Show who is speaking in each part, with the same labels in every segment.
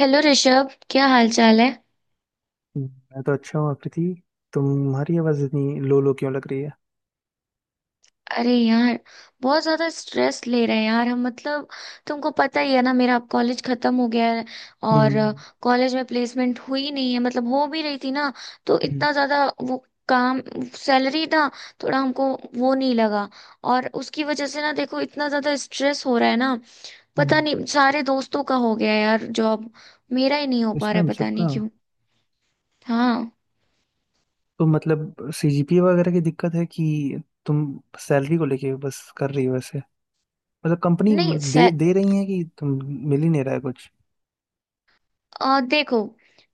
Speaker 1: Hello Rishabh, क्या हाल चाल है।
Speaker 2: मैं तो अच्छा हूँ आकृति। तुम्हारी आवाज इतनी लो लो क्यों लग रही है?
Speaker 1: अरे यार, बहुत ज्यादा स्ट्रेस ले रहे हैं यार हम। मतलब तुमको पता ही है ना, मेरा अब कॉलेज खत्म हो गया है। और
Speaker 2: हम्म
Speaker 1: कॉलेज में प्लेसमेंट हुई नहीं है। मतलब हो भी रही थी ना, तो
Speaker 2: हम्म
Speaker 1: इतना ज्यादा वो काम, सैलरी ना, थोड़ा हमको वो नहीं लगा। और उसकी वजह से ना देखो, इतना ज्यादा स्ट्रेस हो रहा है ना। पता
Speaker 2: हम्म।
Speaker 1: नहीं, सारे दोस्तों का हो गया है यार जॉब, मेरा ही नहीं हो पा रहा है,
Speaker 2: प्लेसमेंट
Speaker 1: पता नहीं
Speaker 2: सबका?
Speaker 1: क्यों। हाँ।
Speaker 2: तो मतलब सीजीपीए वगैरह की दिक्कत है कि तुम सैलरी को लेके बस कर रही हो ऐसे? मतलब कंपनी
Speaker 1: नहीं।
Speaker 2: मतलब दे दे रही है कि तुम मिल ही नहीं रहा है कुछ?
Speaker 1: देखो,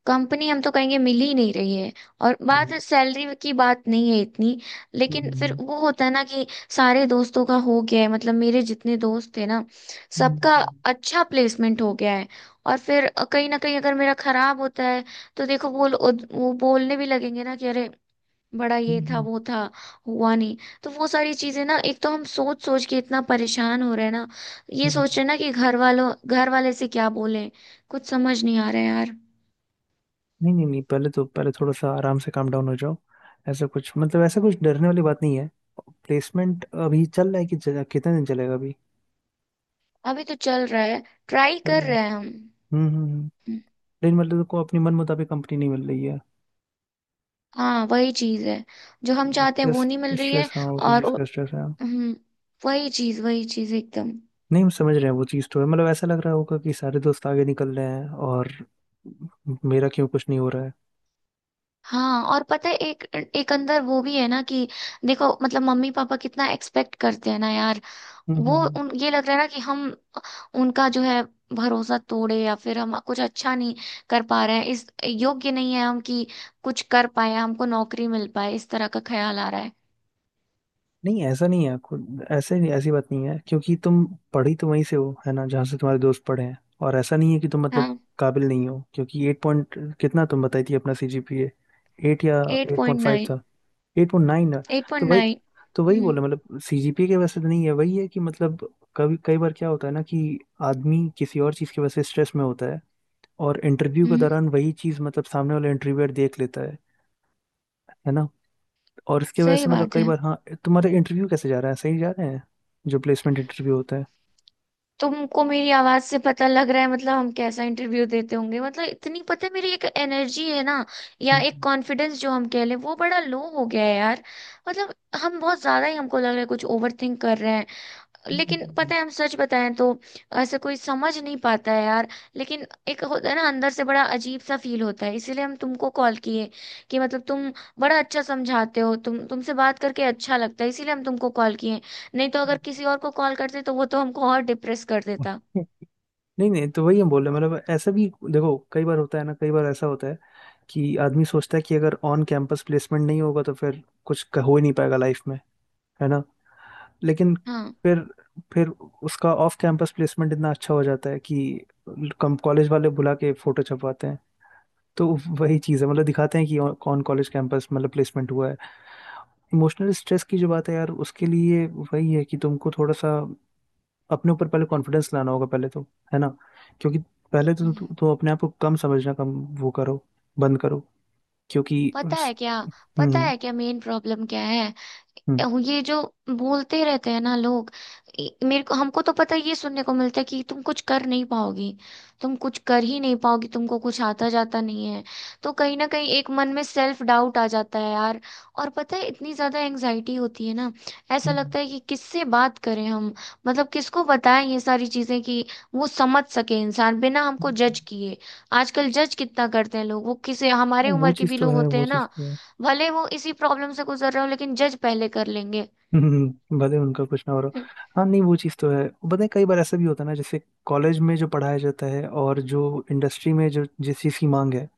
Speaker 1: कंपनी हम तो कहेंगे मिल ही नहीं रही है। और बात,
Speaker 2: हम्म
Speaker 1: सैलरी की बात नहीं है इतनी। लेकिन फिर
Speaker 2: हम्म
Speaker 1: वो होता है ना कि सारे दोस्तों का हो गया है। मतलब मेरे जितने दोस्त थे ना,
Speaker 2: हम्म, हम्म,
Speaker 1: सबका
Speaker 2: हम्म।
Speaker 1: अच्छा प्लेसमेंट हो गया है। और फिर कहीं ना कहीं अगर मेरा खराब होता है तो देखो वो वो बोलने भी लगेंगे ना कि अरे बड़ा ये था
Speaker 2: हम्म,
Speaker 1: वो था, हुआ नहीं। तो वो सारी चीजें ना, एक तो हम सोच सोच के इतना परेशान हो रहे हैं ना। ये
Speaker 2: हम्म।
Speaker 1: सोच रहे हैं ना कि घर वाले से क्या बोलें। कुछ समझ नहीं आ रहा है यार।
Speaker 2: नहीं नहीं नहीं पहले तो पहले थोड़ा सा आराम से काम डाउन हो जाओ। ऐसा कुछ मतलब ऐसा कुछ डरने वाली बात नहीं है। प्लेसमेंट अभी चल रहा है कि कितने दिन चलेगा अभी?
Speaker 1: अभी तो चल रहा है, ट्राई
Speaker 2: चल
Speaker 1: कर
Speaker 2: रहा है।
Speaker 1: रहे हैं हम।
Speaker 2: हम्म हम्म हम्म। लेकिन मतलब को अपनी मन मुताबिक कंपनी नहीं मिल रही है।
Speaker 1: हाँ, वही चीज है। जो हम चाहते हैं वो
Speaker 2: स्ट्रेस
Speaker 1: नहीं मिल रही है।
Speaker 2: स्ट्रेस हाँ उसी
Speaker 1: और
Speaker 2: चीज़ का स्ट्रेस है।
Speaker 1: हम्म। वही चीज एकदम।
Speaker 2: नहीं हम समझ रहे हैं वो चीज़ तो है, मतलब ऐसा लग रहा होगा कि सारे दोस्त आगे निकल रहे हैं और मेरा क्यों कुछ नहीं हो रहा है।
Speaker 1: हाँ, और पता है एक एक अंदर वो भी है ना कि देखो मतलब मम्मी पापा कितना एक्सपेक्ट करते हैं ना यार।
Speaker 2: हम्म
Speaker 1: वो
Speaker 2: हम्म, हम्म।
Speaker 1: उन ये लग रहा है ना कि हम उनका जो है भरोसा तोड़े, या फिर हम कुछ अच्छा नहीं कर पा रहे हैं, इस योग्य नहीं है हम कि कुछ कर पाए, हमको नौकरी मिल पाए, इस तरह का ख्याल आ रहा है।
Speaker 2: नहीं ऐसा नहीं है, खुद ऐसे ऐसी बात नहीं है, क्योंकि तुम पढ़ी तो वहीं से हो है ना जहाँ से तुम्हारे दोस्त पढ़े हैं। और ऐसा नहीं है कि तुम मतलब
Speaker 1: हाँ।
Speaker 2: काबिल नहीं हो, क्योंकि एट पॉइंट कितना तुम बताई थी अपना सीजीपीए? एट या
Speaker 1: eight
Speaker 2: eight point
Speaker 1: point
Speaker 2: five
Speaker 1: nine
Speaker 2: था? Eight nine?
Speaker 1: एट
Speaker 2: तो
Speaker 1: पॉइंट
Speaker 2: वही
Speaker 1: नाइन
Speaker 2: तो वही
Speaker 1: हम्म।
Speaker 2: बोला मतलब सीजीपीए के वजह से तो नहीं है, वही है कि मतलब कभी कई बार क्या होता है ना कि आदमी किसी और चीज की वजह से स्ट्रेस में होता है और इंटरव्यू के
Speaker 1: हम्म।
Speaker 2: दौरान वही चीज मतलब सामने वाला इंटरव्यूअर देख लेता है ना? और इसके वजह
Speaker 1: सही
Speaker 2: से मतलब
Speaker 1: बात
Speaker 2: कई
Speaker 1: है।
Speaker 2: बार, हाँ। तुम्हारा इंटरव्यू कैसे जा रहा है, सही जा रहे हैं जो प्लेसमेंट इंटरव्यू होता है?
Speaker 1: तुमको मेरी आवाज से पता लग रहा है, मतलब हम कैसा इंटरव्यू देते होंगे। मतलब इतनी पता है मेरी एक एनर्जी है ना, या एक कॉन्फिडेंस जो हम कह लें, वो बड़ा लो हो गया है यार। मतलब हम बहुत ज्यादा ही, हमको लग रहा है कुछ ओवर थिंक कर रहे हैं। लेकिन
Speaker 2: हम्म।
Speaker 1: पता है हम सच बताएं तो ऐसे कोई समझ नहीं पाता है यार। लेकिन एक होता है ना, अंदर से बड़ा अजीब सा फील होता है, इसीलिए हम तुमको कॉल किए। कि मतलब तुम बड़ा अच्छा समझाते हो, तुम तुमसे बात करके अच्छा लगता है, इसीलिए हम तुमको कॉल किए। नहीं तो अगर किसी और को कॉल करते तो वो तो हमको और डिप्रेस कर देता।
Speaker 2: नहीं नहीं तो वही हम बोल रहे हैं मतलब ऐसा भी देखो कई बार होता है ना, कई बार ऐसा होता है कि आदमी सोचता है कि अगर ऑन कैंपस प्लेसमेंट नहीं होगा तो फिर कुछ हो ही नहीं पाएगा लाइफ में, है ना? लेकिन
Speaker 1: हाँ।
Speaker 2: फिर फिर उसका ऑफ कैंपस प्लेसमेंट इतना अच्छा हो जाता है कि कम कॉलेज वाले बुला के फोटो छपवाते हैं। तो वही चीज़ है मतलब दिखाते हैं कि कौन कॉलेज कैंपस मतलब प्लेसमेंट हुआ है। इमोशनल स्ट्रेस की जो बात है यार, उसके लिए वही है कि तुमको थोड़ा सा अपने ऊपर पहले कॉन्फिडेंस लाना होगा पहले तो, है ना? क्योंकि पहले तो
Speaker 1: हम्म।
Speaker 2: तुम अपने आप को कम समझना, कम वो करो, बंद करो, क्योंकि
Speaker 1: पता
Speaker 2: उस-
Speaker 1: है क्या, पता
Speaker 2: हम्म
Speaker 1: है क्या मेन प्रॉब्लम क्या है।
Speaker 2: हम्म
Speaker 1: ये जो बोलते रहते हैं ना लोग, ये- मेरे को हमको तो पता है, ये सुनने को मिलता है कि तुम कुछ कर नहीं पाओगी, तुम कुछ कर ही नहीं पाओगी, तुमको कुछ आता जाता नहीं है। तो कहीं ना कहीं एक मन में सेल्फ डाउट आ जाता है यार। और पता है, इतनी ज्यादा एंजाइटी होती है ना, ऐसा
Speaker 2: हम्म,
Speaker 1: लगता है कि किससे बात करें हम, मतलब किसको बताएं ये सारी चीजें कि वो समझ सके इंसान बिना हमको जज किए। आजकल जज कितना करते हैं लोग, वो किसी हमारे
Speaker 2: वो
Speaker 1: उम्र के
Speaker 2: चीज़
Speaker 1: भी
Speaker 2: तो
Speaker 1: लोग
Speaker 2: है
Speaker 1: होते
Speaker 2: वो
Speaker 1: हैं ना,
Speaker 2: चीज़ तो है।
Speaker 1: भले वो इसी प्रॉब्लम से गुजर रहे हो लेकिन जज पहले कर लेंगे।
Speaker 2: भले उनका कुछ ना हो रहा हो। हाँ नहीं वो चीज़ तो है। पता है कई बार ऐसा भी होता है ना जैसे कॉलेज में जो पढ़ाया जाता है और जो इंडस्ट्री में जो जिस चीज़ की मांग है,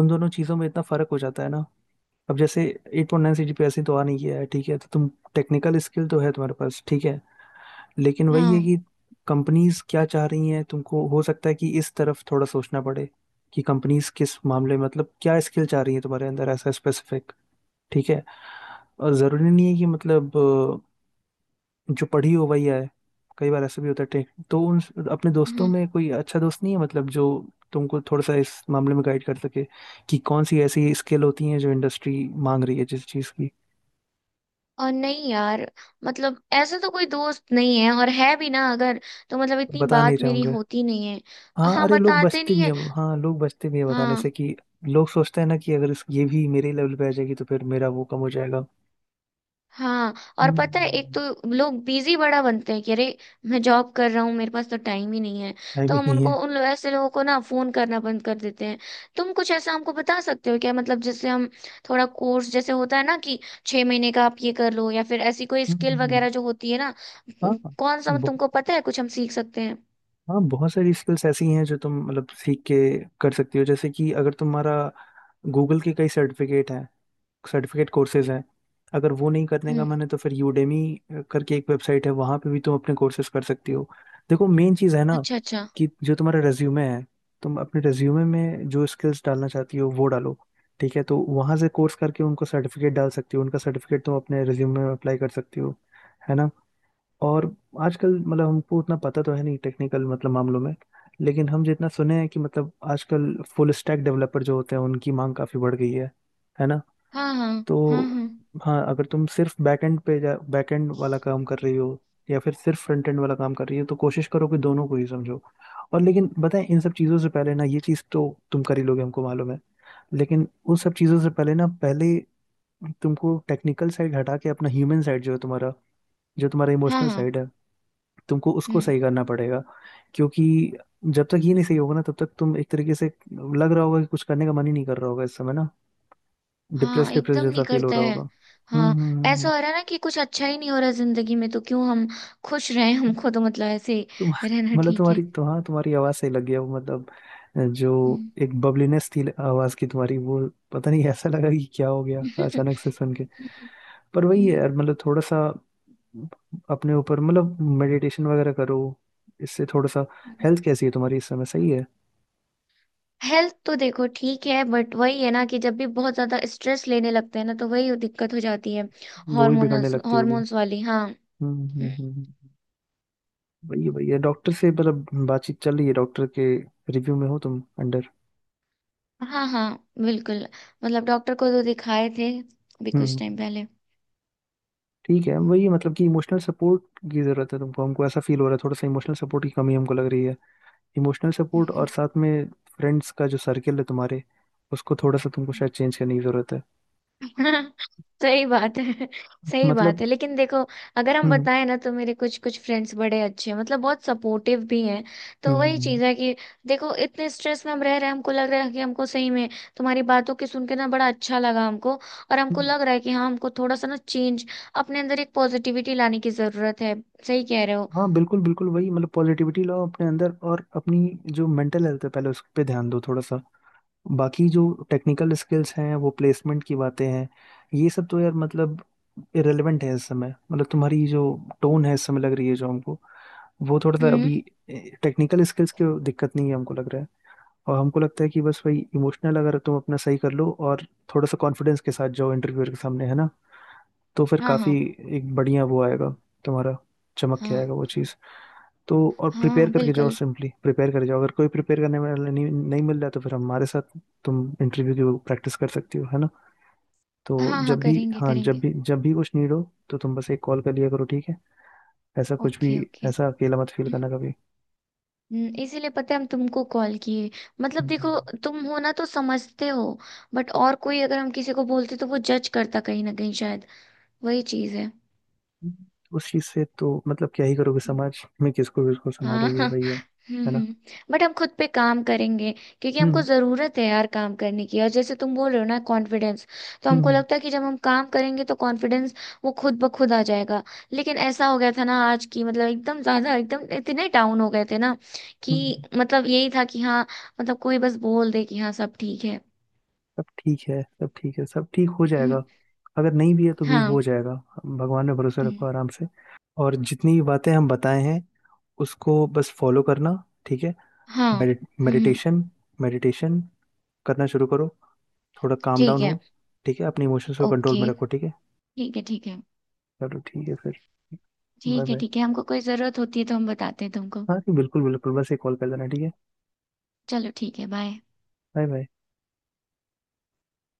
Speaker 2: उन दोनों चीज़ों में इतना फर्क हो जाता है ना। अब जैसे eight point nine C G P तो आ नहीं गया है, ठीक है? तो तुम टेक्निकल स्किल तो है तुम्हारे पास, ठीक है? लेकिन वही है
Speaker 1: हाँ।
Speaker 2: कि कंपनीज क्या चाह रही हैं तुमको, हो सकता है कि इस तरफ थोड़ा सोचना पड़े कि कंपनीज किस मामले में, मतलब क्या स्किल चाह रही है तुम्हारे अंदर ऐसा स्पेसिफिक, ठीक है? और ज़रूरी नहीं है कि मतलब जो पढ़ी हो वही आए, कई बार ऐसा भी होता है। तो उन अपने दोस्तों
Speaker 1: हाँ,
Speaker 2: में कोई अच्छा दोस्त नहीं है मतलब जो तुमको थोड़ा सा इस मामले में गाइड कर सके कि कौन सी ऐसी स्किल होती है जो इंडस्ट्री मांग रही है जिस चीज की?
Speaker 1: और नहीं यार, मतलब ऐसा तो कोई दोस्त नहीं है। और है भी ना अगर, तो मतलब इतनी
Speaker 2: बता नहीं
Speaker 1: बात मेरी
Speaker 2: चाहूंगा।
Speaker 1: होती नहीं है।
Speaker 2: हाँ
Speaker 1: हाँ,
Speaker 2: अरे लोग
Speaker 1: बताते
Speaker 2: बचते
Speaker 1: नहीं
Speaker 2: भी है,
Speaker 1: है।
Speaker 2: हाँ लोग बचते भी है बताने
Speaker 1: हाँ।
Speaker 2: से कि, लोग सोचते हैं ना कि अगर इस ये भी मेरे लेवल पे आ जाएगी तो फिर मेरा वो कम हो जाएगा।
Speaker 1: हाँ, और पता है, एक
Speaker 2: हम्म।
Speaker 1: तो लोग बिजी बड़ा बनते हैं कि अरे मैं जॉब कर रहा हूँ, मेरे पास तो टाइम ही नहीं है।
Speaker 2: टाइम
Speaker 1: तो
Speaker 2: ही
Speaker 1: हम
Speaker 2: नहीं
Speaker 1: उनको
Speaker 2: है।
Speaker 1: ऐसे लोगों को ना फोन करना बंद कर देते हैं। तुम कुछ ऐसा हमको बता सकते हो क्या, मतलब जैसे हम थोड़ा कोर्स जैसे होता है ना कि 6 महीने का, आप ये कर लो, या फिर ऐसी कोई स्किल
Speaker 2: हम्म।
Speaker 1: वगैरह जो होती है ना, कौन सा
Speaker 2: हाँ,
Speaker 1: तुमको पता है, कुछ हम सीख सकते हैं।
Speaker 2: हाँ बहुत सारी स्किल्स ऐसी हैं जो तुम मतलब सीख के कर सकती हो, जैसे कि अगर तुम्हारा गूगल के कई सर्टिफिकेट हैं, सर्टिफिकेट कोर्सेज हैं। अगर वो नहीं करने का
Speaker 1: हम्म।
Speaker 2: मन है तो फिर यूडेमी करके एक वेबसाइट है, वहाँ पे भी तुम अपने कोर्सेज कर सकती हो। देखो मेन चीज़ है ना
Speaker 1: अच्छा अच्छा।
Speaker 2: कि जो तुम्हारा रेज्यूमे है, तुम अपने रेज्यूमे में जो स्किल्स डालना चाहती हो वो डालो, ठीक है? तो वहाँ से कोर्स करके उनको सर्टिफिकेट डाल सकती हो, उनका सर्टिफिकेट तुम अपने रेज्यूमे में अप्लाई कर सकती हो, है ना? और आजकल मतलब हमको उतना पता तो है नहीं टेक्निकल मतलब मामलों में, लेकिन हम जितना सुने हैं कि मतलब आजकल फुल स्टैक डेवलपर जो होते हैं उनकी मांग काफी बढ़ गई है ना?
Speaker 1: हाँ हाँ।
Speaker 2: तो
Speaker 1: हाँ हाँ।
Speaker 2: हाँ अगर तुम सिर्फ बैकएंड पे जा बैकएंड वाला काम कर रही हो या फिर सिर्फ फ्रंट एंड वाला काम कर रही हो तो कोशिश करो कि दोनों को ही समझो। और लेकिन बताएं इन सब चीज़ों से पहले ना ये चीज़ तो तुम कर ही लोगे हमको मालूम है, लेकिन उन सब चीज़ों से पहले ना पहले तुमको टेक्निकल साइड हटा के अपना ह्यूमन साइड जो है तुम्हारा, जो तुम्हारा
Speaker 1: हाँ
Speaker 2: इमोशनल
Speaker 1: हाँ।
Speaker 2: साइड है, तुमको उसको
Speaker 1: हम्म।
Speaker 2: सही करना पड़ेगा, क्योंकि जब तक ये नहीं सही होगा ना तब तक तुम एक तरीके से लग रहा होगा कि कुछ करने का मन ही नहीं कर रहा होगा इस समय ना,
Speaker 1: हाँ,
Speaker 2: डिप्रेस डिप्रेस
Speaker 1: एकदम नहीं
Speaker 2: जैसा फील हो
Speaker 1: करता
Speaker 2: रहा
Speaker 1: है।
Speaker 2: होगा।
Speaker 1: हाँ, ऐसा हो रहा है ना कि कुछ अच्छा ही नहीं हो रहा जिंदगी में, तो क्यों हम खुश रहें। हमको तो मतलब ऐसे ही
Speaker 2: तुम
Speaker 1: रहना
Speaker 2: मतलब
Speaker 1: ठीक है।
Speaker 2: तुम्हारी तो, हाँ तुम्हारी आवाज़ सही लगी है वो, मतलब जो
Speaker 1: हम्म।
Speaker 2: एक बबलीनेस थी आवाज़ की तुम्हारी वो, पता नहीं ऐसा लगा कि क्या हो गया अचानक से सुन के। पर वही है यार मतलब थोड़ा सा अपने ऊपर मतलब मेडिटेशन वगैरह करो, इससे थोड़ा सा। हेल्थ कैसी है तुम्हारी इस समय, सही है?
Speaker 1: हेल्थ तो देखो ठीक है, बट वही है ना कि जब भी बहुत ज्यादा स्ट्रेस लेने लगते हैं ना तो वही दिक्कत हो जाती है।
Speaker 2: वो भी बिगड़ने
Speaker 1: हार्मोनल्स
Speaker 2: लगती होगी।
Speaker 1: हार्मोन्स वाली, हाँ। हम्म।
Speaker 2: हम्म। वही वही है डॉक्टर से मतलब बातचीत चल रही है, डॉक्टर के रिव्यू में हो तुम अंडर?
Speaker 1: हाँ हाँ बिल्कुल। मतलब डॉक्टर को तो दिखाए थे, अभी
Speaker 2: हम्म हम्म,
Speaker 1: कुछ टाइम
Speaker 2: हम्म।
Speaker 1: पहले।
Speaker 2: ठीक है वही मतलब कि इमोशनल सपोर्ट की जरूरत है तुमको, हमको ऐसा फील हो रहा है थोड़ा सा इमोशनल सपोर्ट की कमी हमको लग रही है। इमोशनल सपोर्ट और
Speaker 1: हम्म।
Speaker 2: साथ में फ्रेंड्स का जो सर्कल है तुम्हारे, उसको थोड़ा सा तुमको शायद चेंज करने की जरूरत है,
Speaker 1: सही बात है। सही बात
Speaker 2: मतलब।
Speaker 1: है, लेकिन देखो, अगर हम
Speaker 2: हम्म
Speaker 1: बताएं ना तो मेरे कुछ कुछ फ्रेंड्स बड़े अच्छे हैं, मतलब बहुत सपोर्टिव भी हैं।
Speaker 2: हम्म
Speaker 1: तो वही
Speaker 2: हम्म, हम्म।
Speaker 1: चीज़ है कि देखो, इतने स्ट्रेस में हम रह रहे हैं, हमको लग रहा है कि हमको सही में तुम्हारी बातों की सुन के ना बड़ा अच्छा लगा हमको। और हमको
Speaker 2: हम्म।
Speaker 1: लग रहा है कि हाँ, हमको थोड़ा सा ना चेंज, अपने अंदर एक पॉजिटिविटी लाने की जरूरत है। सही कह रहे हो।
Speaker 2: हाँ बिल्कुल बिल्कुल वही मतलब पॉजिटिविटी लाओ अपने अंदर और अपनी जो मेंटल हेल्थ है पहले उस पे ध्यान दो थोड़ा सा। बाकी जो टेक्निकल स्किल्स हैं वो प्लेसमेंट की बातें हैं, ये सब तो यार मतलब इरेलीवेंट है इस समय। मतलब तुम्हारी जो टोन है इस समय लग रही है जो हमको, वो थोड़ा सा
Speaker 1: हम्म।
Speaker 2: अभी, टेक्निकल स्किल्स की दिक्कत नहीं है हमको लग रहा है। और हमको लगता है कि बस वही इमोशनल अगर तुम अपना सही कर लो और थोड़ा सा कॉन्फिडेंस के साथ जाओ इंटरव्यूअर के सामने, है ना? तो फिर
Speaker 1: हाँ
Speaker 2: काफ़ी
Speaker 1: हाँ।
Speaker 2: एक बढ़िया वो आएगा तुम्हारा, चमक के
Speaker 1: हाँ
Speaker 2: आएगा वो चीज़। तो और प्रिपेयर
Speaker 1: हाँ
Speaker 2: करके जाओ,
Speaker 1: बिल्कुल।
Speaker 2: सिंपली प्रिपेयर करके जाओ, अगर कोई प्रिपेयर करने वाला नहीं नहीं मिल रहा है तो फिर हमारे साथ तुम इंटरव्यू की प्रैक्टिस कर सकती हो, है ना? तो
Speaker 1: हाँ हाँ
Speaker 2: जब भी,
Speaker 1: करेंगे
Speaker 2: हाँ जब
Speaker 1: करेंगे।
Speaker 2: भी कुछ नीड हो तो तुम बस एक कॉल कर लिया करो, ठीक है? ऐसा कुछ भी,
Speaker 1: ओके ओके।
Speaker 2: ऐसा अकेला मत फील करना कभी।
Speaker 1: इसीलिए पता है हम तुमको कॉल किए। मतलब देखो,
Speaker 2: हम्म।
Speaker 1: तुम हो ना तो समझते हो। बट और कोई, अगर हम किसी को बोलते तो वो जज करता कहीं ना कहीं शायद। वही चीज है।
Speaker 2: उस चीज़ से तो मतलब क्या ही करोगे, समाज में किसको किसको
Speaker 1: हाँ।
Speaker 2: संभालोगे भाई, है। है ना?
Speaker 1: हम्म। बट हम खुद पे काम करेंगे, क्योंकि हमको
Speaker 2: हम्म
Speaker 1: ज़रूरत है यार काम करने की। और जैसे तुम बोल रहे हो ना कॉन्फिडेंस, तो
Speaker 2: हम्म
Speaker 1: हमको
Speaker 2: हम्म
Speaker 1: लगता है कि जब हम काम करेंगे तो कॉन्फिडेंस वो खुद ब खुद आ जाएगा। लेकिन ऐसा हो गया था ना आज की, मतलब एकदम ज़्यादा, एकदम इतने डाउन हो गए थे ना कि
Speaker 2: हम्म।
Speaker 1: मतलब यही था कि हाँ, मतलब कोई बस बोल दे कि हाँ सब ठीक है।
Speaker 2: सब ठीक है सब ठीक है सब ठीक हो
Speaker 1: हम्म।
Speaker 2: जाएगा, अगर नहीं भी है तो भी
Speaker 1: हाँ।
Speaker 2: हो जाएगा। भगवान में भरोसा रखो
Speaker 1: हम्म।
Speaker 2: आराम से। और जितनी भी बातें हम बताए हैं, उसको बस फॉलो करना, ठीक है?
Speaker 1: हाँ। हम्म। हम्म।
Speaker 2: मेडिटेशन मेडिटेशन करना शुरू करो, थोड़ा काम
Speaker 1: ठीक
Speaker 2: डाउन
Speaker 1: है।
Speaker 2: हो। ठीक है अपने इमोशंस को कंट्रोल
Speaker 1: ओके।
Speaker 2: में रखो, ठीक है?
Speaker 1: ठीक है ठीक है।
Speaker 2: चलो ठीक है फिर। बाय
Speaker 1: ठीक है
Speaker 2: बाय।
Speaker 1: ठीक है, हमको कोई ज़रूरत होती है तो हम बताते हैं तुमको।
Speaker 2: हाँ जी बिल्कुल बिल्कुल बस एक कॉल कर देना, ठीक है?
Speaker 1: चलो ठीक है, बाय।
Speaker 2: Bye bye.